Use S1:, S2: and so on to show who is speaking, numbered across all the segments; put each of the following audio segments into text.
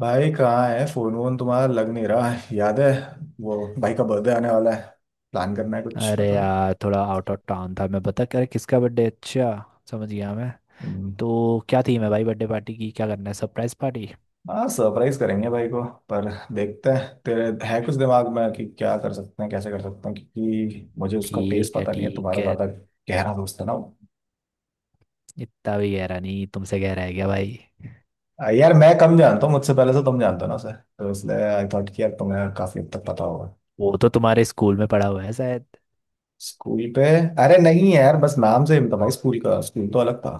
S1: भाई कहाँ है फोन वोन तुम्हारा। लग नहीं रहा है। याद है वो भाई का बर्थडे आने वाला है। प्लान करना है कुछ
S2: अरे
S1: बता।
S2: यार, थोड़ा आउट ऑफ टाउन था मैं। बता कर, किसका बर्थडे? अच्छा, समझ गया मैं।
S1: हम्म।
S2: तो क्या थीम है भाई बर्थडे पार्टी की? क्या करना है, सरप्राइज पार्टी?
S1: हाँ सरप्राइज करेंगे भाई को। पर देखते हैं तेरे है कुछ दिमाग में कि क्या कर सकते हैं कैसे कर सकते हैं क्योंकि मुझे उसका टेस्ट
S2: ठीक है,
S1: पता नहीं है।
S2: ठीक
S1: तुम्हारा
S2: है।
S1: ज्यादा गहरा दोस्त है ना वो।
S2: इतना भी गहरा नहीं, तुमसे गहरा है क्या भाई?
S1: यार मैं कम जानता हूँ। मुझसे पहले से तुम जानते हो ना उसे तो इसलिए आई थॉट कि यार तुम्हें काफी हद तक पता होगा।
S2: वो तो तुम्हारे स्कूल में पढ़ा हुआ है शायद।
S1: स्कूल पे। अरे नहीं यार बस नाम से ही था भाई। स्कूल का स्कूल तो अलग था।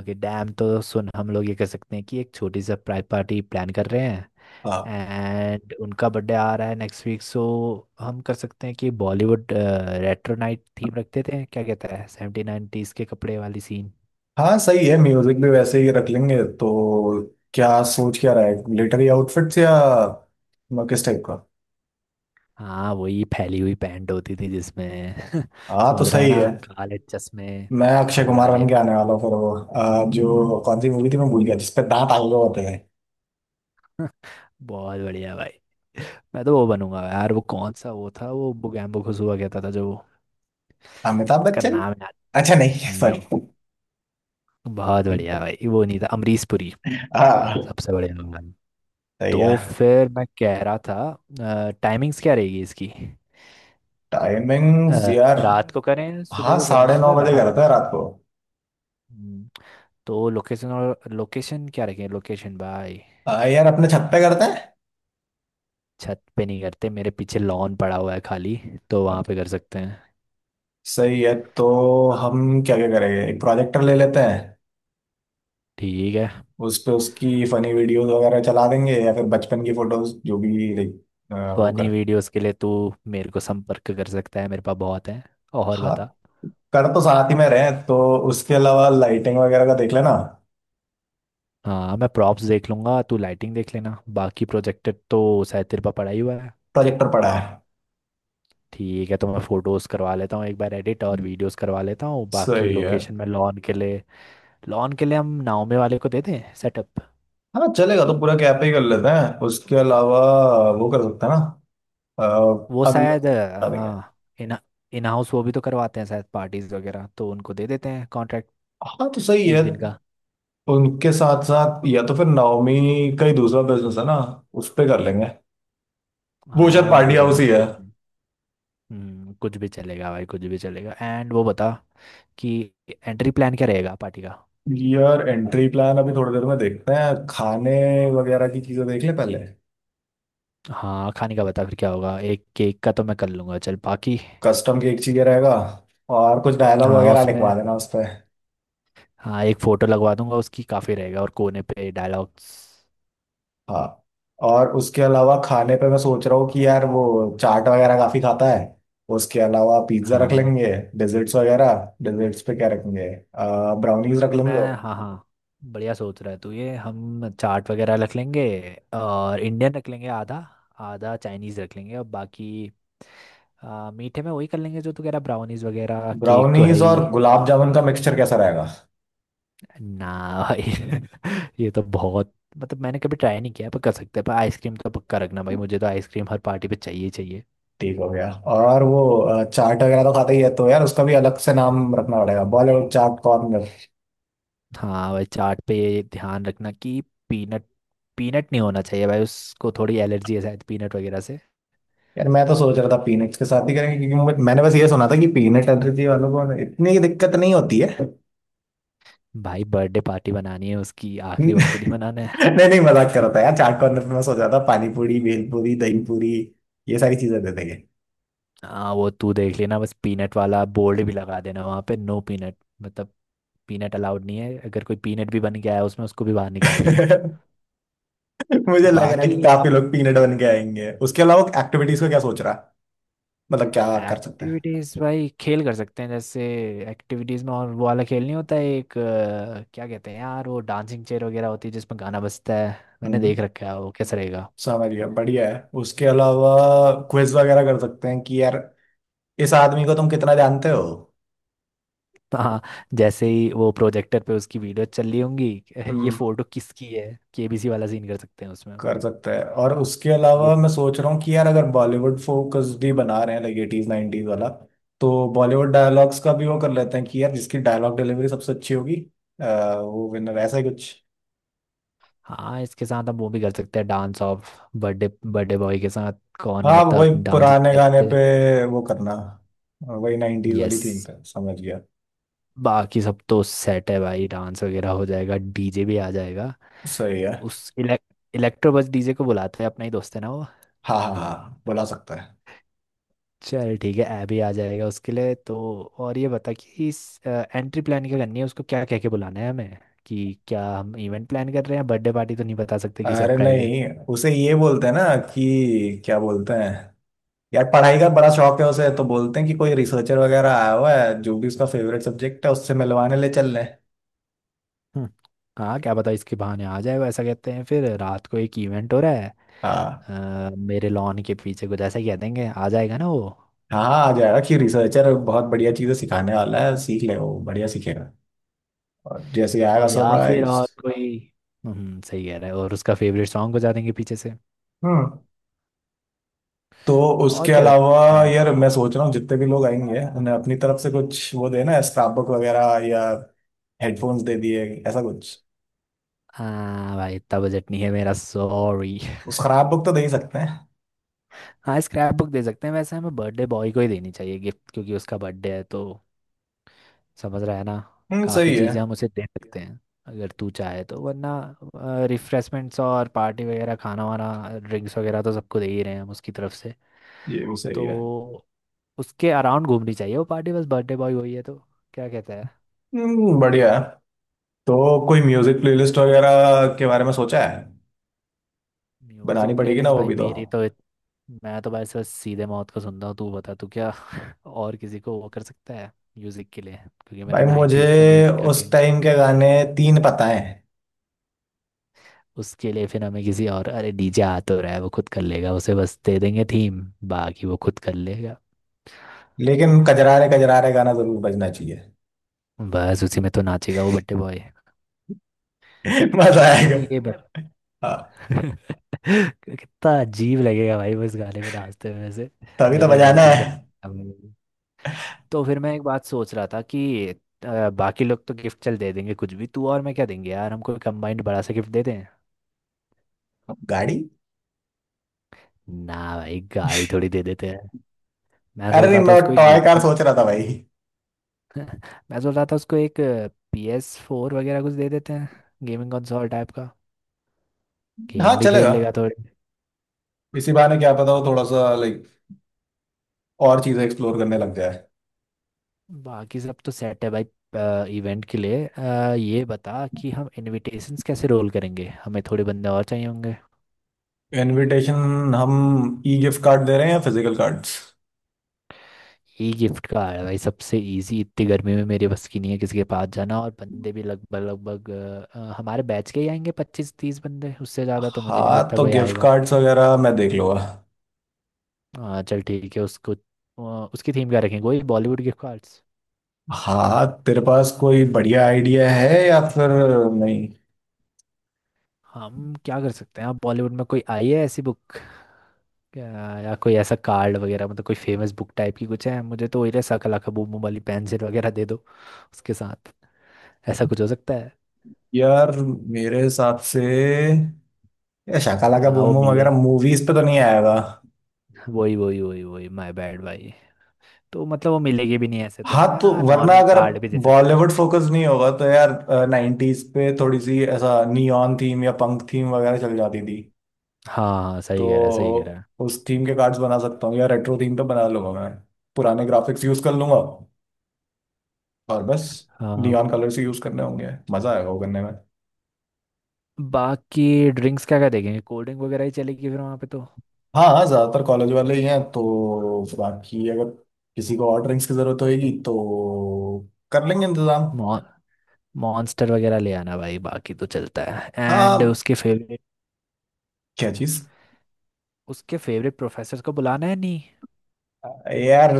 S2: ओके डैम, तो सुन। हम लोग ये कर सकते हैं कि एक छोटी सरप्राइज पार्टी प्लान कर रहे हैं
S1: हाँ।
S2: एंड उनका बर्थडे आ रहा है नेक्स्ट वीक। सो हम कर सकते हैं कि बॉलीवुड रेट्रो नाइट थीम रखते थे, क्या कहता है? सेवेंटी नाइनटीज के कपड़े वाली सीन।
S1: हाँ सही है। म्यूजिक भी वैसे ही रख लेंगे तो। क्या। सोच क्या रहा है मिलिट्री आउटफिट्स या किस टाइप का।
S2: हाँ, वही फैली हुई पैंट होती थी जिसमें
S1: हाँ तो
S2: समझ रहा है
S1: सही
S2: ना?
S1: है।
S2: काले चश्मे,
S1: मैं अक्षय कुमार
S2: घुंघराले
S1: बन के आने
S2: बाल।
S1: वाला हूँ फिर वो। जो कौन सी मूवी थी मैं भूल गया जिसपे दांत आगे होते हैं।
S2: बहुत बढ़िया भाई। मैं तो वो बनूंगा यार, वो कौन सा वो था, वो बुगैम्बो खुशबा कहता था जो।
S1: अमिताभ
S2: उसका
S1: बच्चन।
S2: नाम याद।
S1: अच्छा नहीं
S2: नो।
S1: सॉरी।
S2: बहुत बढ़िया भाई। वो नहीं था? अमरीश पुरी।
S1: हाँ
S2: सबसे बढ़िया भगवान।
S1: सही है।
S2: तो फिर मैं कह रहा था, टाइमिंग्स क्या रहेगी इसकी?
S1: टाइमिंग्स
S2: अ,
S1: यार।
S2: रात को करें या सुबह
S1: हाँ
S2: को करें?
S1: साढ़े
S2: मैं तो
S1: नौ
S2: कह रहा
S1: बजे
S2: रात
S1: करते हैं
S2: को।
S1: रात को।
S2: हम्म, तो लोकेशन, और लोकेशन क्या रखें लोकेशन भाई?
S1: यार अपने छत पे करते हैं।
S2: छत पे नहीं करते, मेरे पीछे लॉन पड़ा हुआ है खाली, तो वहाँ
S1: Okay.
S2: पे कर सकते हैं।
S1: सही है तो। हम क्या क्या करेंगे एक प्रोजेक्टर ले लेते हैं।
S2: ठीक है।
S1: उस पे उसकी फनी वीडियोस वगैरह चला देंगे या फिर बचपन की फोटोज जो भी लाइक। वो कर।
S2: फनी वीडियोस के लिए तू मेरे को संपर्क कर सकता है, मेरे पास बहुत है। और
S1: हाँ।
S2: बता।
S1: कर तो साथ ही में रहे तो। उसके अलावा लाइटिंग वगैरह का देख लेना।
S2: हाँ, मैं प्रॉप्स देख लूँगा, तू लाइटिंग देख लेना। बाकी प्रोजेक्टर तो शायद तेरे पास पड़ा ही हुआ है।
S1: प्रोजेक्टर पड़ा है।
S2: ठीक है। तो मैं फोटोज़ करवा लेता हूँ एक बार एडिट, और वीडियोस करवा लेता हूँ। बाकी
S1: सही है।
S2: लोकेशन में, लॉन के लिए, लॉन के लिए हम नाओमे वाले को देते हैं सेटअप।
S1: हाँ चलेगा तो पूरा कैफे ही कर लेते हैं उसके अलावा। वो कर सकते हैं ना।
S2: वो
S1: अ, अंदर
S2: शायद
S1: बता देंगे।
S2: हाँ। इन इन हाउस वो भी तो करवाते हैं शायद, पार्टीज वगैरह, तो उनको दे देते हैं कॉन्ट्रैक्ट,
S1: हाँ तो सही
S2: एक
S1: है।
S2: दिन का।
S1: उनके साथ साथ या तो फिर नवमी का ही दूसरा बिजनेस है ना। उस पे कर लेंगे। वो शायद
S2: हाँ
S1: पार्टी
S2: गुड
S1: हाउस
S2: इनफ,
S1: ही है।
S2: कुछ भी। कुछ भी चलेगा भाई, कुछ भी चलेगा। एंड वो बता कि एंट्री प्लान क्या रहेगा पार्टी का?
S1: यार एंट्री प्लान अभी थोड़ी देर में देखते हैं। खाने वगैरह की चीजें देख ले पहले।
S2: हाँ खाने का बता, फिर क्या होगा। एक केक का तो मैं कर लूँगा, चल। बाकी
S1: कस्टम केक चाहिए रहेगा। और कुछ डायलॉग
S2: हाँ
S1: वगैरह लिखवा
S2: उसमें,
S1: देना उस पर।
S2: हाँ एक फ़ोटो लगवा दूंगा उसकी, काफ़ी रहेगा। और कोने पे डायलॉग्स।
S1: हाँ। और उसके अलावा खाने पे मैं सोच रहा हूँ कि यार वो चाट वगैरह काफी खाता है। उसके अलावा पिज्जा रख
S2: हाँ।
S1: लेंगे। डेजर्ट्स वगैरह। डेजर्ट्स पे क्या रखेंगे। ब्राउनीज रख
S2: मैं
S1: लेंगे।
S2: हाँ, हाँ। बढ़िया सोच रहा है तू। ये हम चाट वगैरह रख लेंगे और इंडियन रख लेंगे आधा, आधा चाइनीज़ रख लेंगे। और बाकी मीठे में वही कर लेंगे जो तू कह रहा, ब्राउनीज वगैरह। केक तो है
S1: ब्राउनीज
S2: ही।
S1: और गुलाब जामुन का मिक्सचर कैसा रहेगा।
S2: ना भाई ये तो बहुत, मतलब मैंने कभी ट्राई नहीं किया, पर कर सकते हैं। पर आइसक्रीम तो पक्का रखना भाई, मुझे तो आइसक्रीम हर पार्टी पे चाहिए ही चाहिए।
S1: ठीक हो गया। और वो चाट वगैरह तो खाता ही है तो यार उसका भी अलग से नाम रखना पड़ेगा बॉलीवुड चाट कॉर्नर।
S2: हाँ भाई, चाट पे ये ध्यान रखना कि पीनट पीनट नहीं होना चाहिए भाई। उसको थोड़ी एलर्जी है शायद पीनट वगैरह से।
S1: यार मैं तो सोच रहा था पीनट्स के साथ ही करेंगे क्योंकि मैंने बस ये सुना था कि पीनट एलर्जी वालों को इतनी दिक्कत नहीं होती है।
S2: भाई बर्थडे पार्टी बनानी है उसकी, आखिरी वक्त नहीं बनाना है।
S1: नहीं नहीं मजाक कर रहा था यार। चाट कॉर्नर पे मैं सोच रहा था पानी पूरी भेल पूरी दही पूरी ये सारी चीजें दे देंगे।
S2: हाँ वो तू देख लेना। बस पीनट वाला बोर्ड भी लगा देना वहाँ पे, नो पीनट। मतलब पीनट अलाउड नहीं है। अगर कोई पीनट भी बन गया है उसमें, उसको भी बाहर निकाल देना।
S1: मुझे लग रहा है
S2: बाकी
S1: कि काफी
S2: अब,
S1: लोग पीनट बन के आएंगे। उसके अलावा एक्टिविटीज का क्या सोच रहा है। मतलब क्या कर सकते हैं।
S2: एक्टिविटीज भाई, खेल कर सकते हैं, जैसे एक्टिविटीज में। और वो वाला खेल नहीं होता है एक, क्या कहते हैं यार, वो डांसिंग चेयर वगैरह होती है जिसमें गाना बजता है। मैंने देख
S1: हम्म।
S2: रखा है, वो कैसा रहेगा?
S1: समझ गया बढ़िया है। उसके अलावा क्विज वगैरह कर सकते हैं कि यार इस आदमी को तुम कितना जानते हो।
S2: हाँ, जैसे ही वो प्रोजेक्टर पे उसकी वीडियो चल रही होंगी ये
S1: हम्म।
S2: फोटो किसकी है। केबीसी वाला सीन कर सकते हैं उसमें हम।
S1: कर सकता है। और उसके अलावा
S2: ये
S1: मैं सोच रहा हूँ कि यार अगर बॉलीवुड फोकस भी बना रहे हैं लाइक एटीज नाइनटीज वाला। तो बॉलीवुड डायलॉग्स का भी वो कर लेते हैं कि यार जिसकी डायलॉग डिलीवरी सबसे अच्छी होगी वो विनर ऐसा ही कुछ।
S2: हाँ, इसके साथ हम वो भी कर सकते हैं, dance off birthday birthday boy के साथ। कौन,
S1: हाँ वही
S2: मतलब डांस
S1: पुराने
S2: स्टेप
S1: गाने
S2: से?
S1: पे वो करना। वही नाइनटीज वाली
S2: यस।
S1: थीम पे समझ गया।
S2: बाकी सब तो सेट है भाई, डांस वगैरह हो जाएगा, डीजे भी आ जाएगा।
S1: सही है।
S2: उस इलेक, इलेक्ट्रो, बस डीजे को बुलाते हैं, अपना ही दोस्त है ना वो।
S1: हाँ हाँ हाँ बुला सकता है।
S2: चल ठीक है, ऐप भी आ जाएगा उसके लिए तो। और ये बता कि इस एंट्री प्लान क्या करनी है, उसको क्या कह के बुलाना है हमें? कि क्या हम इवेंट प्लान कर रहे हैं? बर्थडे पार्टी तो नहीं बता सकते कि
S1: अरे
S2: सरप्राइज है।
S1: नहीं उसे ये बोलते हैं ना कि क्या बोलते हैं। यार पढ़ाई का बड़ा शौक है उसे तो बोलते हैं कि कोई रिसर्चर वगैरह आया हुआ है जो भी उसका फेवरेट सब्जेक्ट है उससे मिलवाने ले चल रहे हैं।
S2: हम्म, हाँ क्या पता इसके बहाने आ जाए वो। ऐसा कहते हैं फिर रात को एक इवेंट हो रहा है
S1: हाँ।
S2: मेरे लॉन के पीछे, कुछ ऐसा ही कह देंगे, आ जाएगा ना वो।
S1: हाँ आ जाएगा कि रिसर्चर बहुत बढ़िया चीजें सिखाने वाला है सीख ले वो बढ़िया सीखेगा। और जैसे ही आएगा
S2: और या फिर
S1: सरप्राइज।
S2: और कोई। सही कह रहा है, और उसका फेवरेट सॉन्ग बजा देंगे पीछे से।
S1: हम्म। तो
S2: और
S1: उसके
S2: क्या कर
S1: अलावा
S2: सकते हैं?
S1: यार मैं सोच रहा हूँ जितने भी लोग आएंगे उन्हें अपनी तरफ से कुछ वो देना स्क्रैप बुक वगैरह या हेडफोन्स दे दिए ऐसा कुछ।
S2: हाँ भाई, इतना बजट नहीं है मेरा, सॉरी।
S1: स्क्रैप बुक तो दे ही सकते हैं।
S2: हाँ स्क्रैप बुक दे सकते हैं। वैसे हमें बर्थडे बॉय को ही देनी चाहिए गिफ्ट, क्योंकि उसका बर्थडे है तो। समझ रहा है ना? काफ़ी
S1: सही है।
S2: चीज़ें हम उसे दे सकते हैं अगर तू चाहे तो, वरना रिफ्रेशमेंट्स और पार्टी वगैरह, खाना वाना, ड्रिंक्स वगैरह तो सबको दे ही रहे हैं हम उसकी तरफ से।
S1: ये भी सही
S2: तो
S1: है।
S2: उसके अराउंड घूमनी चाहिए वो पार्टी, बस। बर्थडे बॉय वही है तो, क्या कहता है?
S1: बढ़िया है। तो कोई म्यूजिक प्लेलिस्ट वगैरह के बारे में सोचा है। बनानी
S2: म्यूजिक
S1: पड़ेगी ना
S2: प्लेलिस्ट
S1: वो
S2: भाई,
S1: भी तो।
S2: मेरी तो मैं तो भाई सर सीधे मौत को सुनता हूँ, तू बता तू क्या और किसी को वो कर सकता है म्यूजिक के लिए, क्योंकि मेरा
S1: भाई
S2: 90s का
S1: मुझे
S2: म्यूजिक का
S1: उस
S2: गेम।
S1: टाइम के गाने तीन पता है।
S2: उसके लिए फिर हमें किसी और, अरे डीजे आ तो रहा है, वो खुद कर लेगा। उसे बस दे देंगे थीम, बाकी वो खुद कर लेगा।
S1: लेकिन कजरारे कजरारे गाना जरूर बजना चाहिए।
S2: बस उसी में तो नाचेगा वो बट्टे बॉय।
S1: मजा आएगा।
S2: तो ये बत
S1: हाँ
S2: कितना अजीब लगेगा भाई, वो इस गाने में नाचते हुए से।
S1: तभी तो
S2: मैंने
S1: बजाना
S2: इमेजिन
S1: है।
S2: कर लिया। तो फिर मैं एक बात सोच रहा था कि, बाकी लोग तो गिफ्ट चल दे देंगे कुछ भी, तू और मैं क्या देंगे यार, हम कोई कंबाइंड बड़ा सा गिफ्ट देते हैं।
S1: गाड़ी।
S2: ना भाई, गाड़ी थोड़ी दे देते हैं। मैं
S1: अरे
S2: सोच
S1: नहीं
S2: रहा था
S1: मैं
S2: उसको एक
S1: टॉय कार
S2: गेमिंग
S1: सोच रहा था भाई।
S2: मैं सोच रहा था उसको एक पी एस फोर वगैरह कुछ दे देते हैं, गेमिंग कंसोल टाइप का।
S1: हाँ
S2: गेम भी खेल
S1: चलेगा।
S2: लेगा थोड़े।
S1: इसी बहाने क्या पता
S2: हाँ।
S1: वो थोड़ा सा लाइक और चीजें एक्सप्लोर करने लग जाए।
S2: बाकी सब तो सेट है भाई। इवेंट के लिए ये बता कि हम इनविटेशंस कैसे रोल करेंगे, हमें थोड़े बंदे और चाहिए होंगे।
S1: इनविटेशन हम ई गिफ्ट कार्ड दे रहे हैं या फिजिकल कार्ड्स।
S2: ई गिफ्ट का आ रहा है भाई, सबसे इजी। इतनी गर्मी में मेरे बस की नहीं है किसी के पास जाना। और बंदे भी लगभग लगभग हमारे बैच के ही आएंगे, 25 30 बंदे। उससे ज़्यादा तो मुझे नहीं
S1: हाँ
S2: लगता
S1: तो
S2: कोई
S1: गिफ्ट
S2: आएगा।
S1: कार्ड्स वगैरह मैं देख लूंगा।
S2: हाँ चल ठीक है। उसको उसकी थीम क्या रखेंगे? वही बॉलीवुड गिफ्ट कार्ड्स।
S1: हाँ तेरे पास कोई बढ़िया आइडिया है या फिर। नहीं
S2: हम क्या कर सकते हैं? आप बॉलीवुड में कोई आई है ऐसी बुक क्या, या कोई ऐसा कार्ड वगैरह, मतलब कोई फेमस बुक टाइप की कुछ है? मुझे तो वही, रहा सकला का बूम बूम वाली पेंसिल वगैरह दे दो उसके साथ। ऐसा कुछ हो सकता है।
S1: यार मेरे हिसाब से या शाकाला का
S2: हाँ
S1: बूम
S2: वो
S1: बूम
S2: मिले,
S1: वगैरह मूवीज पे तो नहीं आएगा।
S2: वही वही वही वही, माय बैड भाई। तो मतलब वो मिलेगी भी नहीं ऐसे तो
S1: हाँ
S2: हमें।
S1: तो
S2: हाँ
S1: वरना
S2: नॉर्मल
S1: अगर
S2: कार्ड भी दे सकते हैं।
S1: बॉलीवुड फोकस नहीं होगा तो यार नाइन्टीज पे थोड़ी सी ऐसा नियॉन थीम या पंक थीम वगैरह चल जाती थी।
S2: हाँ हाँ, सही कह रहा है, सही कह रहा
S1: तो
S2: है।
S1: उस थीम के कार्ड्स बना सकता हूँ या रेट्रो थीम पे बना लूंगा मैं। पुराने ग्राफिक्स यूज कर लूंगा और बस
S2: हाँ।
S1: नियॉन कलर्स यूज करने होंगे। मजा आएगा वो करने में।
S2: बाकी ड्रिंक्स क्या क्या देखेंगे? कोल्ड ड्रिंक वगैरह ही चलेगी फिर वहाँ पे तो।
S1: हाँ हाँ ज्यादातर कॉलेज वाले ही हैं तो बाकी अगर किसी को और ड्रिंक्स की जरूरत होगी तो कर लेंगे इंतजाम।
S2: मॉन मॉन्स्टर वगैरह ले आना भाई, बाकी तो चलता है। एंड
S1: हाँ।
S2: उसके फेवरेट,
S1: क्या चीज।
S2: उसके फेवरेट प्रोफेसर को बुलाना है नहीं?
S1: यार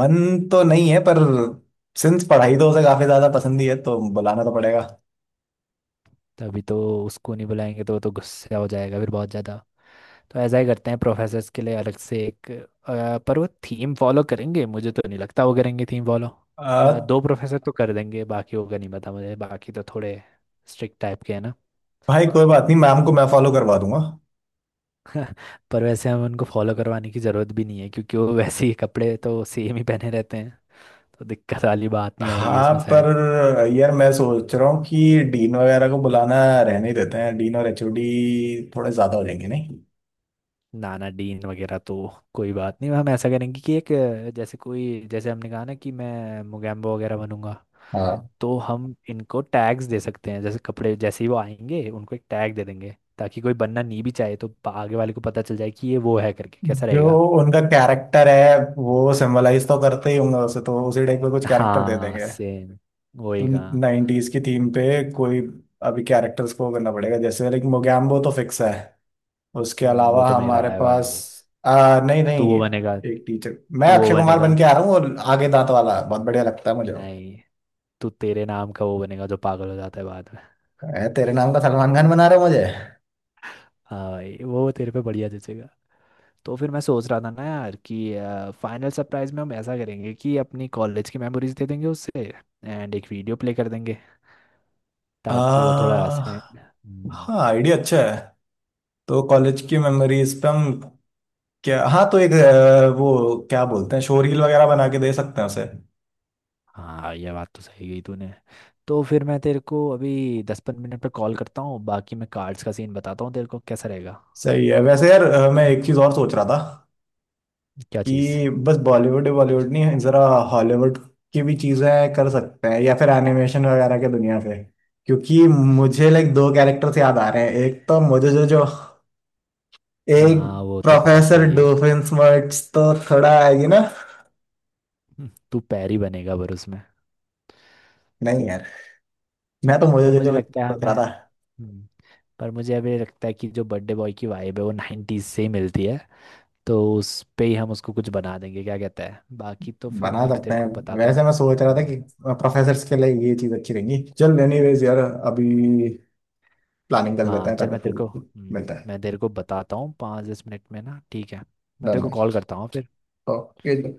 S1: मन तो नहीं है पर सिंस पढ़ाई तो उसे काफी ज्यादा पसंद ही है तो बुलाना तो पड़ेगा।
S2: तभी तो। उसको नहीं बुलाएंगे तो वो तो गुस्सा हो जाएगा फिर बहुत ज़्यादा। तो ऐसा ही करते हैं, प्रोफेसर्स के लिए अलग से एक, पर वो थीम फॉलो करेंगे, मुझे तो नहीं लगता वो करेंगे थीम फॉलो।
S1: आ,
S2: दो प्रोफेसर तो कर देंगे, बाकी होगा नहीं, पता मुझे बाकी तो थोड़े स्ट्रिक्ट टाइप के हैं ना।
S1: भाई कोई बात नहीं मैम को मैं फॉलो करवा दूंगा।
S2: पर वैसे हमें उनको फॉलो करवाने की ज़रूरत भी नहीं है, क्योंकि वो वैसे ही कपड़े तो सेम ही पहने रहते हैं, तो दिक्कत वाली बात नहीं आएगी
S1: हाँ
S2: उसमें
S1: पर
S2: शायद।
S1: यार मैं सोच रहा हूँ कि डीन वगैरह को बुलाना रहने ही देते हैं। डीन और एचओडी थोड़े ज्यादा हो जाएंगे नहीं।
S2: नानाडीन वगैरह तो कोई बात नहीं। हम ऐसा करेंगे कि एक, जैसे कोई, जैसे हमने कहा ना कि मैं मुगैम्बो वगैरह बनूंगा, तो हम इनको टैग्स दे सकते हैं, जैसे कपड़े। जैसे ही वो आएंगे उनको एक टैग दे देंगे, ताकि कोई बनना नहीं भी चाहे तो पा- आगे वाले को पता चल जाए कि ये वो है करके। कैसा
S1: जो
S2: रहेगा?
S1: उनका कैरेक्टर है वो सिंबलाइज तो करते ही होंगे उसे तो उसी टाइप का कुछ कैरेक्टर दे
S2: हाँ
S1: देंगे।
S2: सेम,
S1: तो
S2: वही कहा।
S1: नाइनटीज की थीम पे कोई अभी कैरेक्टर्स को करना पड़ेगा जैसे लाइक मोगैम्बो तो फिक्स है। उसके
S2: वो
S1: अलावा
S2: तो मेरा
S1: हमारे
S2: है
S1: पास
S2: भाई।
S1: नहीं
S2: तू
S1: नहीं
S2: वो बनेगा।
S1: एक टीचर मैं
S2: तू वो
S1: अक्षय कुमार
S2: बनेगा
S1: बन के आ रहा हूँ और आगे दांत वाला बहुत बढ़िया लगता है मुझे वो।
S2: नहीं, तू तेरे नाम का वो बनेगा जो पागल हो जाता है बाद में।
S1: तेरे नाम का सलमान खान बना रहे हो मुझे।
S2: हाँ भाई, वो तेरे पे बढ़िया जचेगा। तो फिर मैं सोच रहा था ना यार, कि फाइनल सरप्राइज में हम ऐसा करेंगे कि अपनी कॉलेज की मेमोरीज दे देंगे उससे, एंड एक वीडियो प्ले कर देंगे, ताकि वो
S1: आ,
S2: थोड़ा से
S1: हाँ आइडिया अच्छा है। तो कॉलेज की मेमोरीज पे हम क्या। हाँ तो एक वो क्या बोलते हैं शोरील वगैरह बना के दे सकते हैं उसे।
S2: हाँ ये बात तो सही गई तूने। तो फिर मैं तेरे को अभी 10-15 मिनट पे कॉल करता हूँ, बाकी मैं कार्ड्स का सीन बताता हूँ तेरे को, कैसा रहेगा?
S1: सही है वैसे यार मैं एक चीज और सोच रहा था।
S2: क्या चीज़?
S1: कि बस बॉलीवुड बॉलीवुड नहीं जरा हॉलीवुड की भी चीजें कर सकते हैं या फिर एनिमेशन वगैरह के दुनिया से क्योंकि मुझे लाइक दो कैरेक्टर्स याद आ रहे हैं। एक तो मुझे जो जो। एक
S2: हाँ वो तो बहुत
S1: प्रोफेसर
S2: सही है।
S1: डोफिन स्मर्ट्स तो थोड़ा आएगी ना।
S2: तू पैरी बनेगा पर उसमें।
S1: नहीं यार मैं तो मुझे
S2: पर
S1: जो
S2: मुझे
S1: जो
S2: लगता है
S1: सोच
S2: हमें
S1: रहा था।
S2: हम्म, पर मुझे अभी लगता है कि जो बर्थडे बॉय की वाइब है वो नाइन्टीज से ही मिलती है। तो उस पे ही हम उसको कुछ बना देंगे, क्या कहता है? बाकी तो फिर
S1: बना
S2: मैं अभी
S1: सकते
S2: तेरे
S1: हैं।
S2: को बताता हूँ।
S1: वैसे मैं सोच रहा था
S2: हम्म,
S1: कि प्रोफेसर्स के लिए ये चीज अच्छी रहेगी। चल एनीवेज यार अभी प्लानिंग कर लेते
S2: हाँ
S1: हैं
S2: चल,
S1: पहले पूरी। मिलता है।
S2: मैं तेरे को बताता हूँ 5-10 मिनट में ना, ठीक है? मैं तेरे
S1: डन
S2: को
S1: है।
S2: कॉल करता हूँ फिर।
S1: ओके।